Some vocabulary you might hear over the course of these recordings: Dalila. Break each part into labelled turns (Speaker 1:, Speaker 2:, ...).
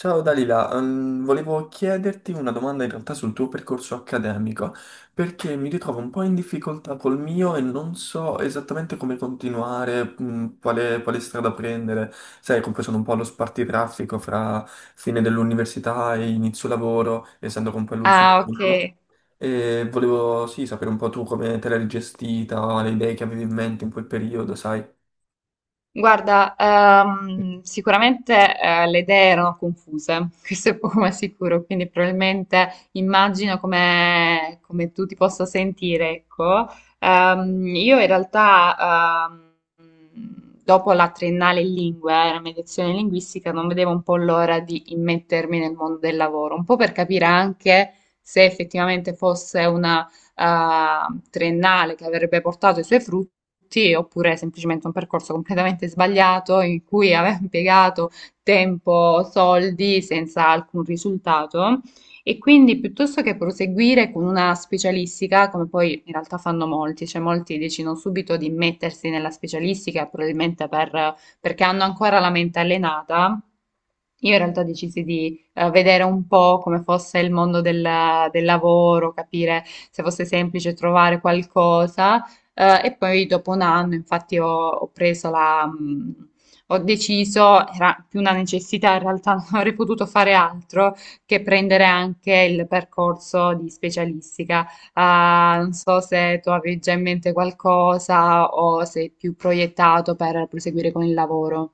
Speaker 1: Ciao Dalila, volevo chiederti una domanda in realtà sul tuo percorso accademico, perché mi ritrovo un po' in difficoltà col mio e non so esattamente come continuare, quale strada prendere. Sai, comunque sono un po' allo spartitraffico fra fine dell'università e inizio lavoro, essendo comunque l'ultimo
Speaker 2: Ah, ok.
Speaker 1: anno. E volevo sì, sapere un po' tu come te l'hai gestita, le idee che avevi in mente in quel periodo, sai.
Speaker 2: Guarda, sicuramente le idee erano confuse, questo è poco ma sicuro, quindi probabilmente immagino come, come tu ti possa sentire, ecco. Ehm, io in realtà, Dopo la triennale in lingue, la mediazione linguistica, non vedevo un po' l'ora di immettermi nel mondo del lavoro, un po' per capire anche se effettivamente fosse triennale che avrebbe portato i suoi frutti, oppure semplicemente un percorso completamente sbagliato in cui aveva impiegato tempo, soldi senza alcun risultato. E quindi piuttosto che proseguire con una specialistica, come poi in realtà fanno molti, cioè molti decidono subito di mettersi nella specialistica, perché hanno ancora la mente allenata, io in realtà decisi di vedere un po' come fosse il mondo del, del lavoro, capire se fosse semplice trovare qualcosa. E poi dopo un anno, infatti, ho preso ho deciso, era più una necessità, in realtà non avrei potuto fare altro che prendere anche il percorso di specialistica. Ah, non so se tu avevi già in mente qualcosa o sei più proiettato per proseguire con il lavoro.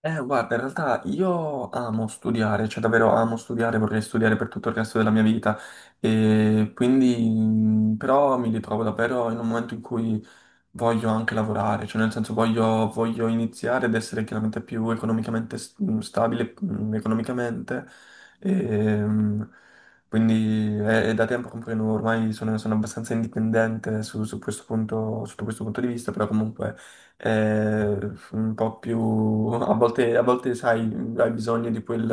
Speaker 1: Guarda, in realtà io amo studiare, cioè davvero amo studiare, vorrei studiare per tutto il resto della mia vita e quindi mm, però mi ritrovo davvero in un momento in cui voglio anche lavorare, cioè nel senso voglio iniziare ad essere chiaramente più economicamente stabile, economicamente, e, mh, quindi è da tempo che poi ormai sono abbastanza indipendente su questo punto, sotto questo punto di vista, però comunque è un po' più, a volte sai, hai bisogno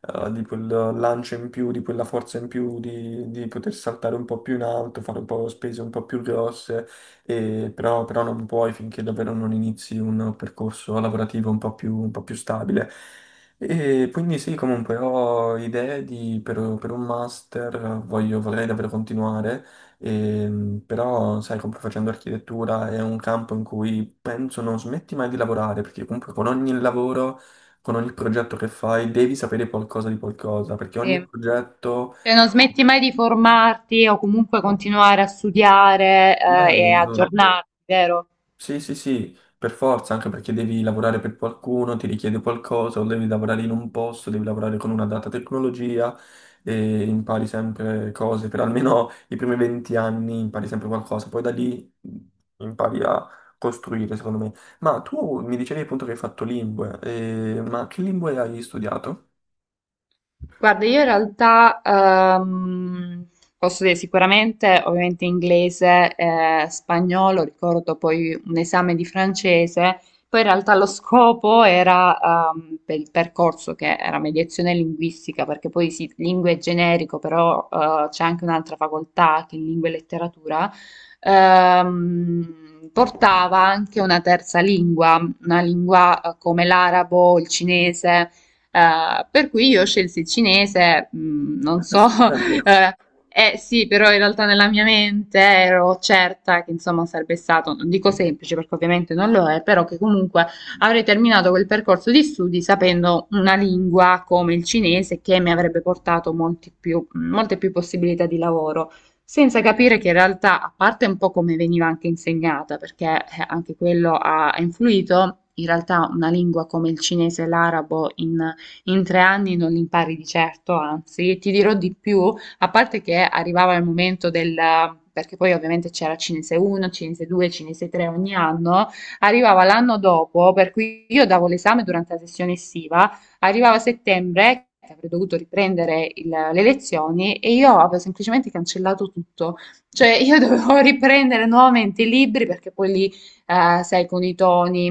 Speaker 1: di quel lancio in più, di quella forza in più, di poter saltare un po' più in alto, fare un po' spese un po' più grosse, e però non puoi finché davvero non inizi un percorso lavorativo un po' un po' più stabile. E quindi sì, comunque ho idee per un master, vorrei davvero continuare, però sai, comunque facendo architettura è un campo in cui penso non smetti mai di lavorare, perché comunque con ogni lavoro, con ogni progetto che fai, devi sapere qualcosa di qualcosa, perché ogni
Speaker 2: Sì.
Speaker 1: progetto...
Speaker 2: Cioè non smetti mai di formarti o comunque continuare a studiare,
Speaker 1: No,
Speaker 2: e Certo.
Speaker 1: no.
Speaker 2: aggiornarti, vero?
Speaker 1: Sì, sì, sì, per forza, anche perché devi lavorare per qualcuno, ti richiede qualcosa, o devi lavorare in un posto, devi lavorare con una data tecnologia e impari sempre cose, per almeno i primi 20 anni impari sempre qualcosa, poi da lì impari a costruire, secondo me. Ma tu mi dicevi appunto che hai fatto lingue, ma che lingue hai studiato?
Speaker 2: Guarda, io in realtà posso dire sicuramente, ovviamente inglese e spagnolo, ricordo poi un esame di francese, poi in realtà lo scopo era per il percorso che era mediazione linguistica, perché poi sì, lingue è generico, però c'è anche un'altra facoltà che è lingua e letteratura, portava anche una terza lingua, una lingua come l'arabo, il cinese. Per cui io scelsi il cinese, non
Speaker 1: Ah,
Speaker 2: so,
Speaker 1: stupendo.
Speaker 2: eh, sì, però in realtà nella mia mente ero certa che insomma sarebbe stato, non dico semplice perché ovviamente non lo è, però che comunque avrei terminato quel percorso di studi sapendo una lingua come il cinese che mi avrebbe portato molte più possibilità di lavoro. Senza capire che in realtà, a parte un po' come veniva anche insegnata, perché anche quello ha influito, in realtà una lingua come il cinese e l'arabo in tre anni non impari di certo, anzi, ti dirò di più, a parte che arrivava il momento del... perché poi ovviamente c'era Cinese 1, Cinese 2, Cinese 3 ogni anno, arrivava l'anno dopo, per cui io davo l'esame durante la sessione estiva, arrivava settembre, che avrei dovuto riprendere le lezioni, e io avevo semplicemente cancellato tutto, cioè io dovevo riprendere nuovamente i libri perché poi lì, sai, con i toni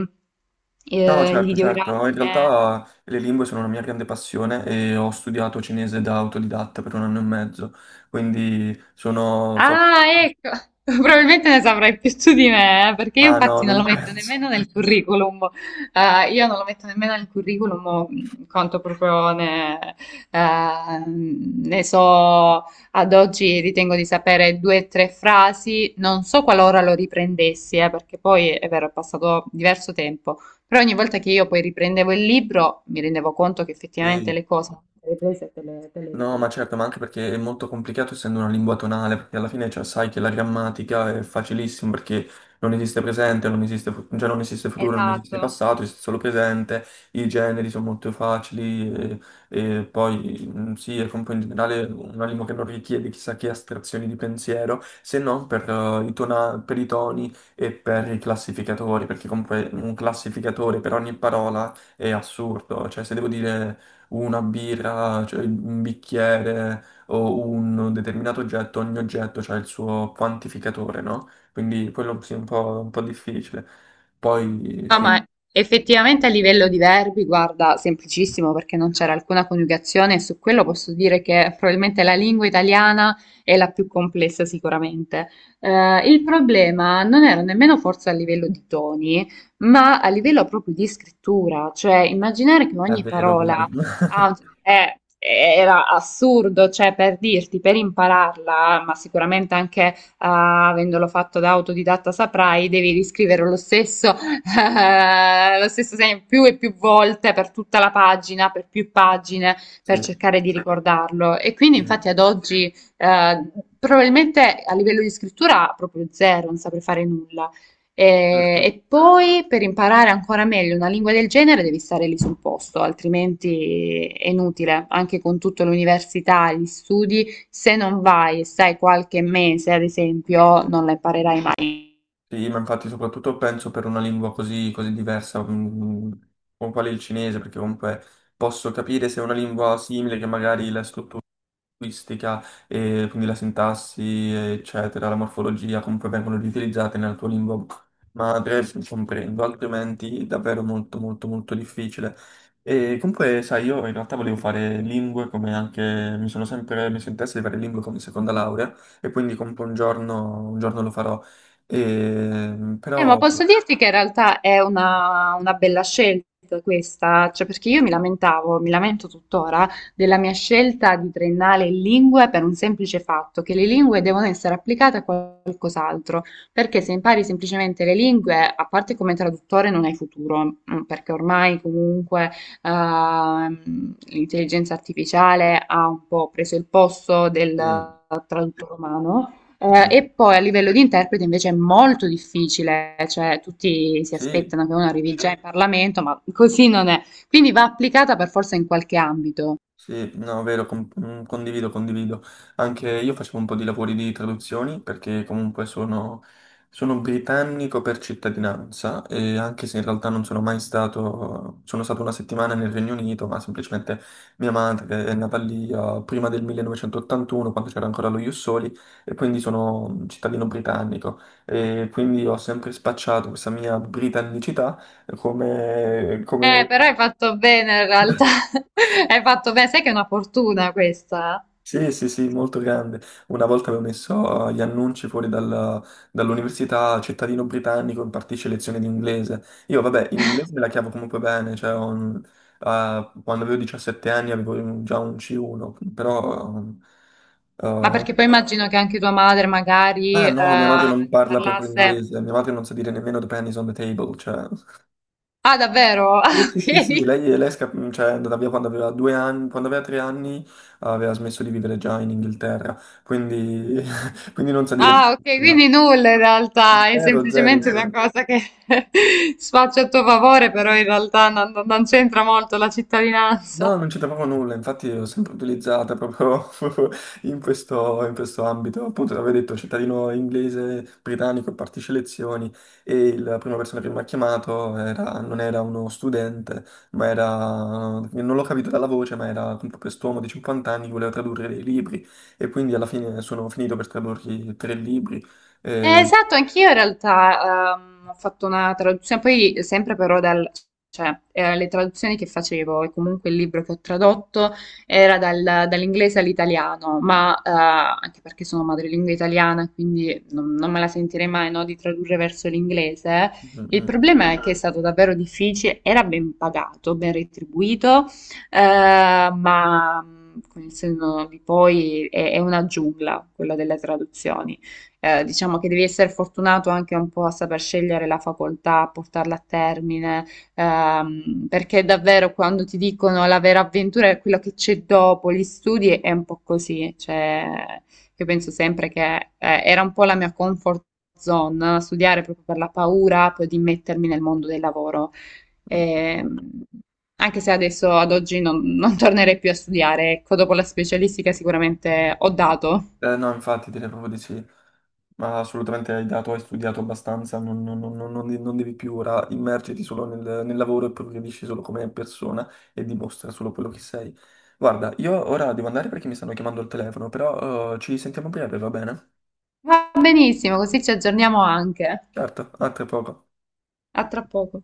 Speaker 1: No, no,
Speaker 2: gli
Speaker 1: certo,
Speaker 2: ideogrammi.
Speaker 1: certo. In realtà le lingue sono una mia grande passione e ho studiato cinese da autodidatta per 1 anno e mezzo, quindi sono... so-
Speaker 2: Ah, ecco, probabilmente ne saprai più tu di me, perché io
Speaker 1: Ma no,
Speaker 2: infatti non lo
Speaker 1: non
Speaker 2: metto
Speaker 1: penso.
Speaker 2: nemmeno nel curriculum. Io non lo metto nemmeno nel curriculum quanto proprio ne so, ad oggi ritengo di sapere due o tre frasi, non so qualora lo riprendessi, perché poi è vero, è passato diverso tempo, però ogni volta che io poi riprendevo il libro mi rendevo conto che effettivamente
Speaker 1: Sì.
Speaker 2: le cose le hai prese e te le
Speaker 1: No, ma
Speaker 2: ricordi.
Speaker 1: certo, ma anche perché è molto complicato essendo una lingua tonale, perché alla fine cioè, sai che la grammatica è facilissima perché non esiste presente, non esiste, cioè, non esiste futuro, non esiste
Speaker 2: Esatto.
Speaker 1: passato, esiste solo presente, i generi sono molto facili e poi mm, sì, è comunque in generale una lingua che non richiede chissà che astrazioni di pensiero, se non per, i per i toni e per i classificatori, perché comunque un classificatore per ogni parola è assurdo, cioè se devo dire una birra, cioè un bicchiere o un determinato oggetto, ogni oggetto ha il suo quantificatore, no? Quindi quello sì, è un po' difficile. Poi
Speaker 2: No,
Speaker 1: sì,
Speaker 2: ma effettivamente a livello di verbi, guarda, semplicissimo perché non c'era alcuna coniugazione e su quello posso dire che probabilmente la lingua italiana è la più complessa sicuramente. Il problema non era nemmeno forse a livello di toni, ma a livello proprio di scrittura, cioè immaginare che
Speaker 1: è
Speaker 2: ogni
Speaker 1: vero,
Speaker 2: parola
Speaker 1: vero.
Speaker 2: ha- è- era assurdo, cioè per dirti, per impararla, ma sicuramente anche avendolo fatto da autodidatta saprai, devi riscrivere lo stesso segno più e più volte per tutta la pagina, per più pagine, per
Speaker 1: Sì,
Speaker 2: cercare di ricordarlo. E quindi
Speaker 1: sì,
Speaker 2: infatti ad oggi probabilmente a livello di scrittura proprio zero, non saprei fare nulla.
Speaker 1: certo.
Speaker 2: E poi per imparare ancora meglio una lingua del genere devi stare lì sul posto, altrimenti è inutile, anche con tutta l'università, gli studi, se non vai e stai qualche mese, ad esempio, non la imparerai mai.
Speaker 1: Sì, ma infatti soprattutto penso per una lingua così diversa, mm, mm, mm, come quale il cinese, perché comunque posso capire se è una lingua simile che magari la struttura linguistica, e quindi la sintassi, eccetera, la morfologia, come poi vengono riutilizzate nella tua lingua madre, comprendo, altrimenti è davvero molto molto molto difficile. E comunque, sai, io in realtà volevo fare lingue come anche mi sono sempre messo in testa di fare lingue come seconda laurea e quindi comunque un giorno lo farò. E,
Speaker 2: Ma
Speaker 1: però
Speaker 2: posso dirti che in realtà è una bella scelta questa, cioè perché io mi lamentavo, mi lamento tuttora della mia scelta di triennale in lingue per un semplice fatto, che le lingue devono essere applicate a qualcos'altro, perché se impari semplicemente le lingue, a parte come traduttore non hai futuro, mm, perché ormai comunque l'intelligenza artificiale ha un po' preso il posto del
Speaker 1: sì,
Speaker 2: traduttore umano.
Speaker 1: sì,
Speaker 2: E poi a livello di interprete invece è molto difficile, cioè tutti si
Speaker 1: sì,
Speaker 2: aspettano che uno arrivi già in Parlamento, ma così non è. Quindi va applicata per forza in qualche ambito.
Speaker 1: Sì, no, vero, com- mm, condivido, condivido. Anche io facevo un po' di lavori di traduzioni perché comunque sono, sono britannico per cittadinanza e anche se in realtà non sono mai stato, sono stato 1 settimana nel Regno Unito, ma semplicemente mia madre che è nata lì prima del 1981, quando c'era ancora lo Ius Soli, e quindi sono un cittadino britannico e quindi ho sempre spacciato questa mia britannicità come come-
Speaker 2: Però hai fatto bene in realtà. Hai fatto bene, sai che è una fortuna questa?
Speaker 1: Sì, sì, sì, molto grande. Una volta avevo messo gli annunci fuori dall'università, cittadino britannico, impartisce lezioni di inglese. Io, vabbè, in inglese me la cavo comunque bene, cioè, ho un- quando avevo 17 anni avevo un- già un C1, però...
Speaker 2: Ma
Speaker 1: eh,
Speaker 2: perché poi immagino che anche tua madre magari
Speaker 1: ah no, mia madre non parla proprio
Speaker 2: parlasse...
Speaker 1: inglese, mia madre non sa dire nemmeno the pennies on the table, cioè...
Speaker 2: Ah, davvero?
Speaker 1: Sì,
Speaker 2: Ah,
Speaker 1: sì, sì, sì,
Speaker 2: ok.
Speaker 1: lei è cioè, è andata via quando aveva 2 anni, quando aveva 3 anni aveva smesso di vivere già in Inghilterra, quindi, quindi non sa dire
Speaker 2: Ah, ok,
Speaker 1: proprio
Speaker 2: quindi
Speaker 1: nulla.
Speaker 2: nulla in realtà, è
Speaker 1: Zero, zero,
Speaker 2: semplicemente una
Speaker 1: zero.
Speaker 2: cosa che sfaccio a tuo favore, però in realtà non c'entra molto la cittadinanza.
Speaker 1: No, non c'entra proprio nulla, infatti l'ho sempre utilizzata proprio, proprio in questo ambito. Appunto, l'avevo detto, cittadino inglese, britannico, partecipa alle elezioni e la prima persona che mi ha chiamato non era uno studente, ma era, non l'ho capito dalla voce, ma era proprio quest'uomo di 50 anni che voleva tradurre dei libri e quindi alla fine sono finito per tradurgli 3 libri. Eh,
Speaker 2: Esatto, anch'io in realtà ho fatto una traduzione, poi sempre però dal, cioè, le traduzioni che facevo e comunque il libro che ho tradotto era dall'inglese all'italiano, ma anche perché sono madrelingua italiana, quindi non me la sentirei mai, no, di tradurre verso l'inglese.
Speaker 1: mm, mm.
Speaker 2: Il
Speaker 1: mm,
Speaker 2: problema è che è Mm. stato davvero difficile, era ben pagato, ben retribuito, eh, con il senno di poi è una giungla quella delle traduzioni, diciamo che devi essere fortunato anche un po' a saper scegliere la facoltà, a portarla a termine, perché davvero quando ti dicono la vera avventura è quello che c'è dopo gli studi, è un po' così, cioè io penso sempre che era un po' la mia comfort zone, no, studiare proprio per la paura poi di mettermi nel mondo del lavoro.
Speaker 1: mm, mm.
Speaker 2: Ehm, Anche se adesso ad oggi non tornerei più a studiare, ecco, dopo la specialistica sicuramente ho dato.
Speaker 1: No, infatti, direi proprio di sì. Ma assolutamente hai dato, hai studiato abbastanza, non non devi più ora immergerti solo nel, nel lavoro e progredisci solo come persona e dimostra solo quello che sei. Guarda, io ora devo andare perché mi stanno chiamando al telefono, però ci sentiamo a breve, va bene?
Speaker 2: Va benissimo, così ci aggiorniamo anche.
Speaker 1: Certo, a tra poco.
Speaker 2: A tra poco.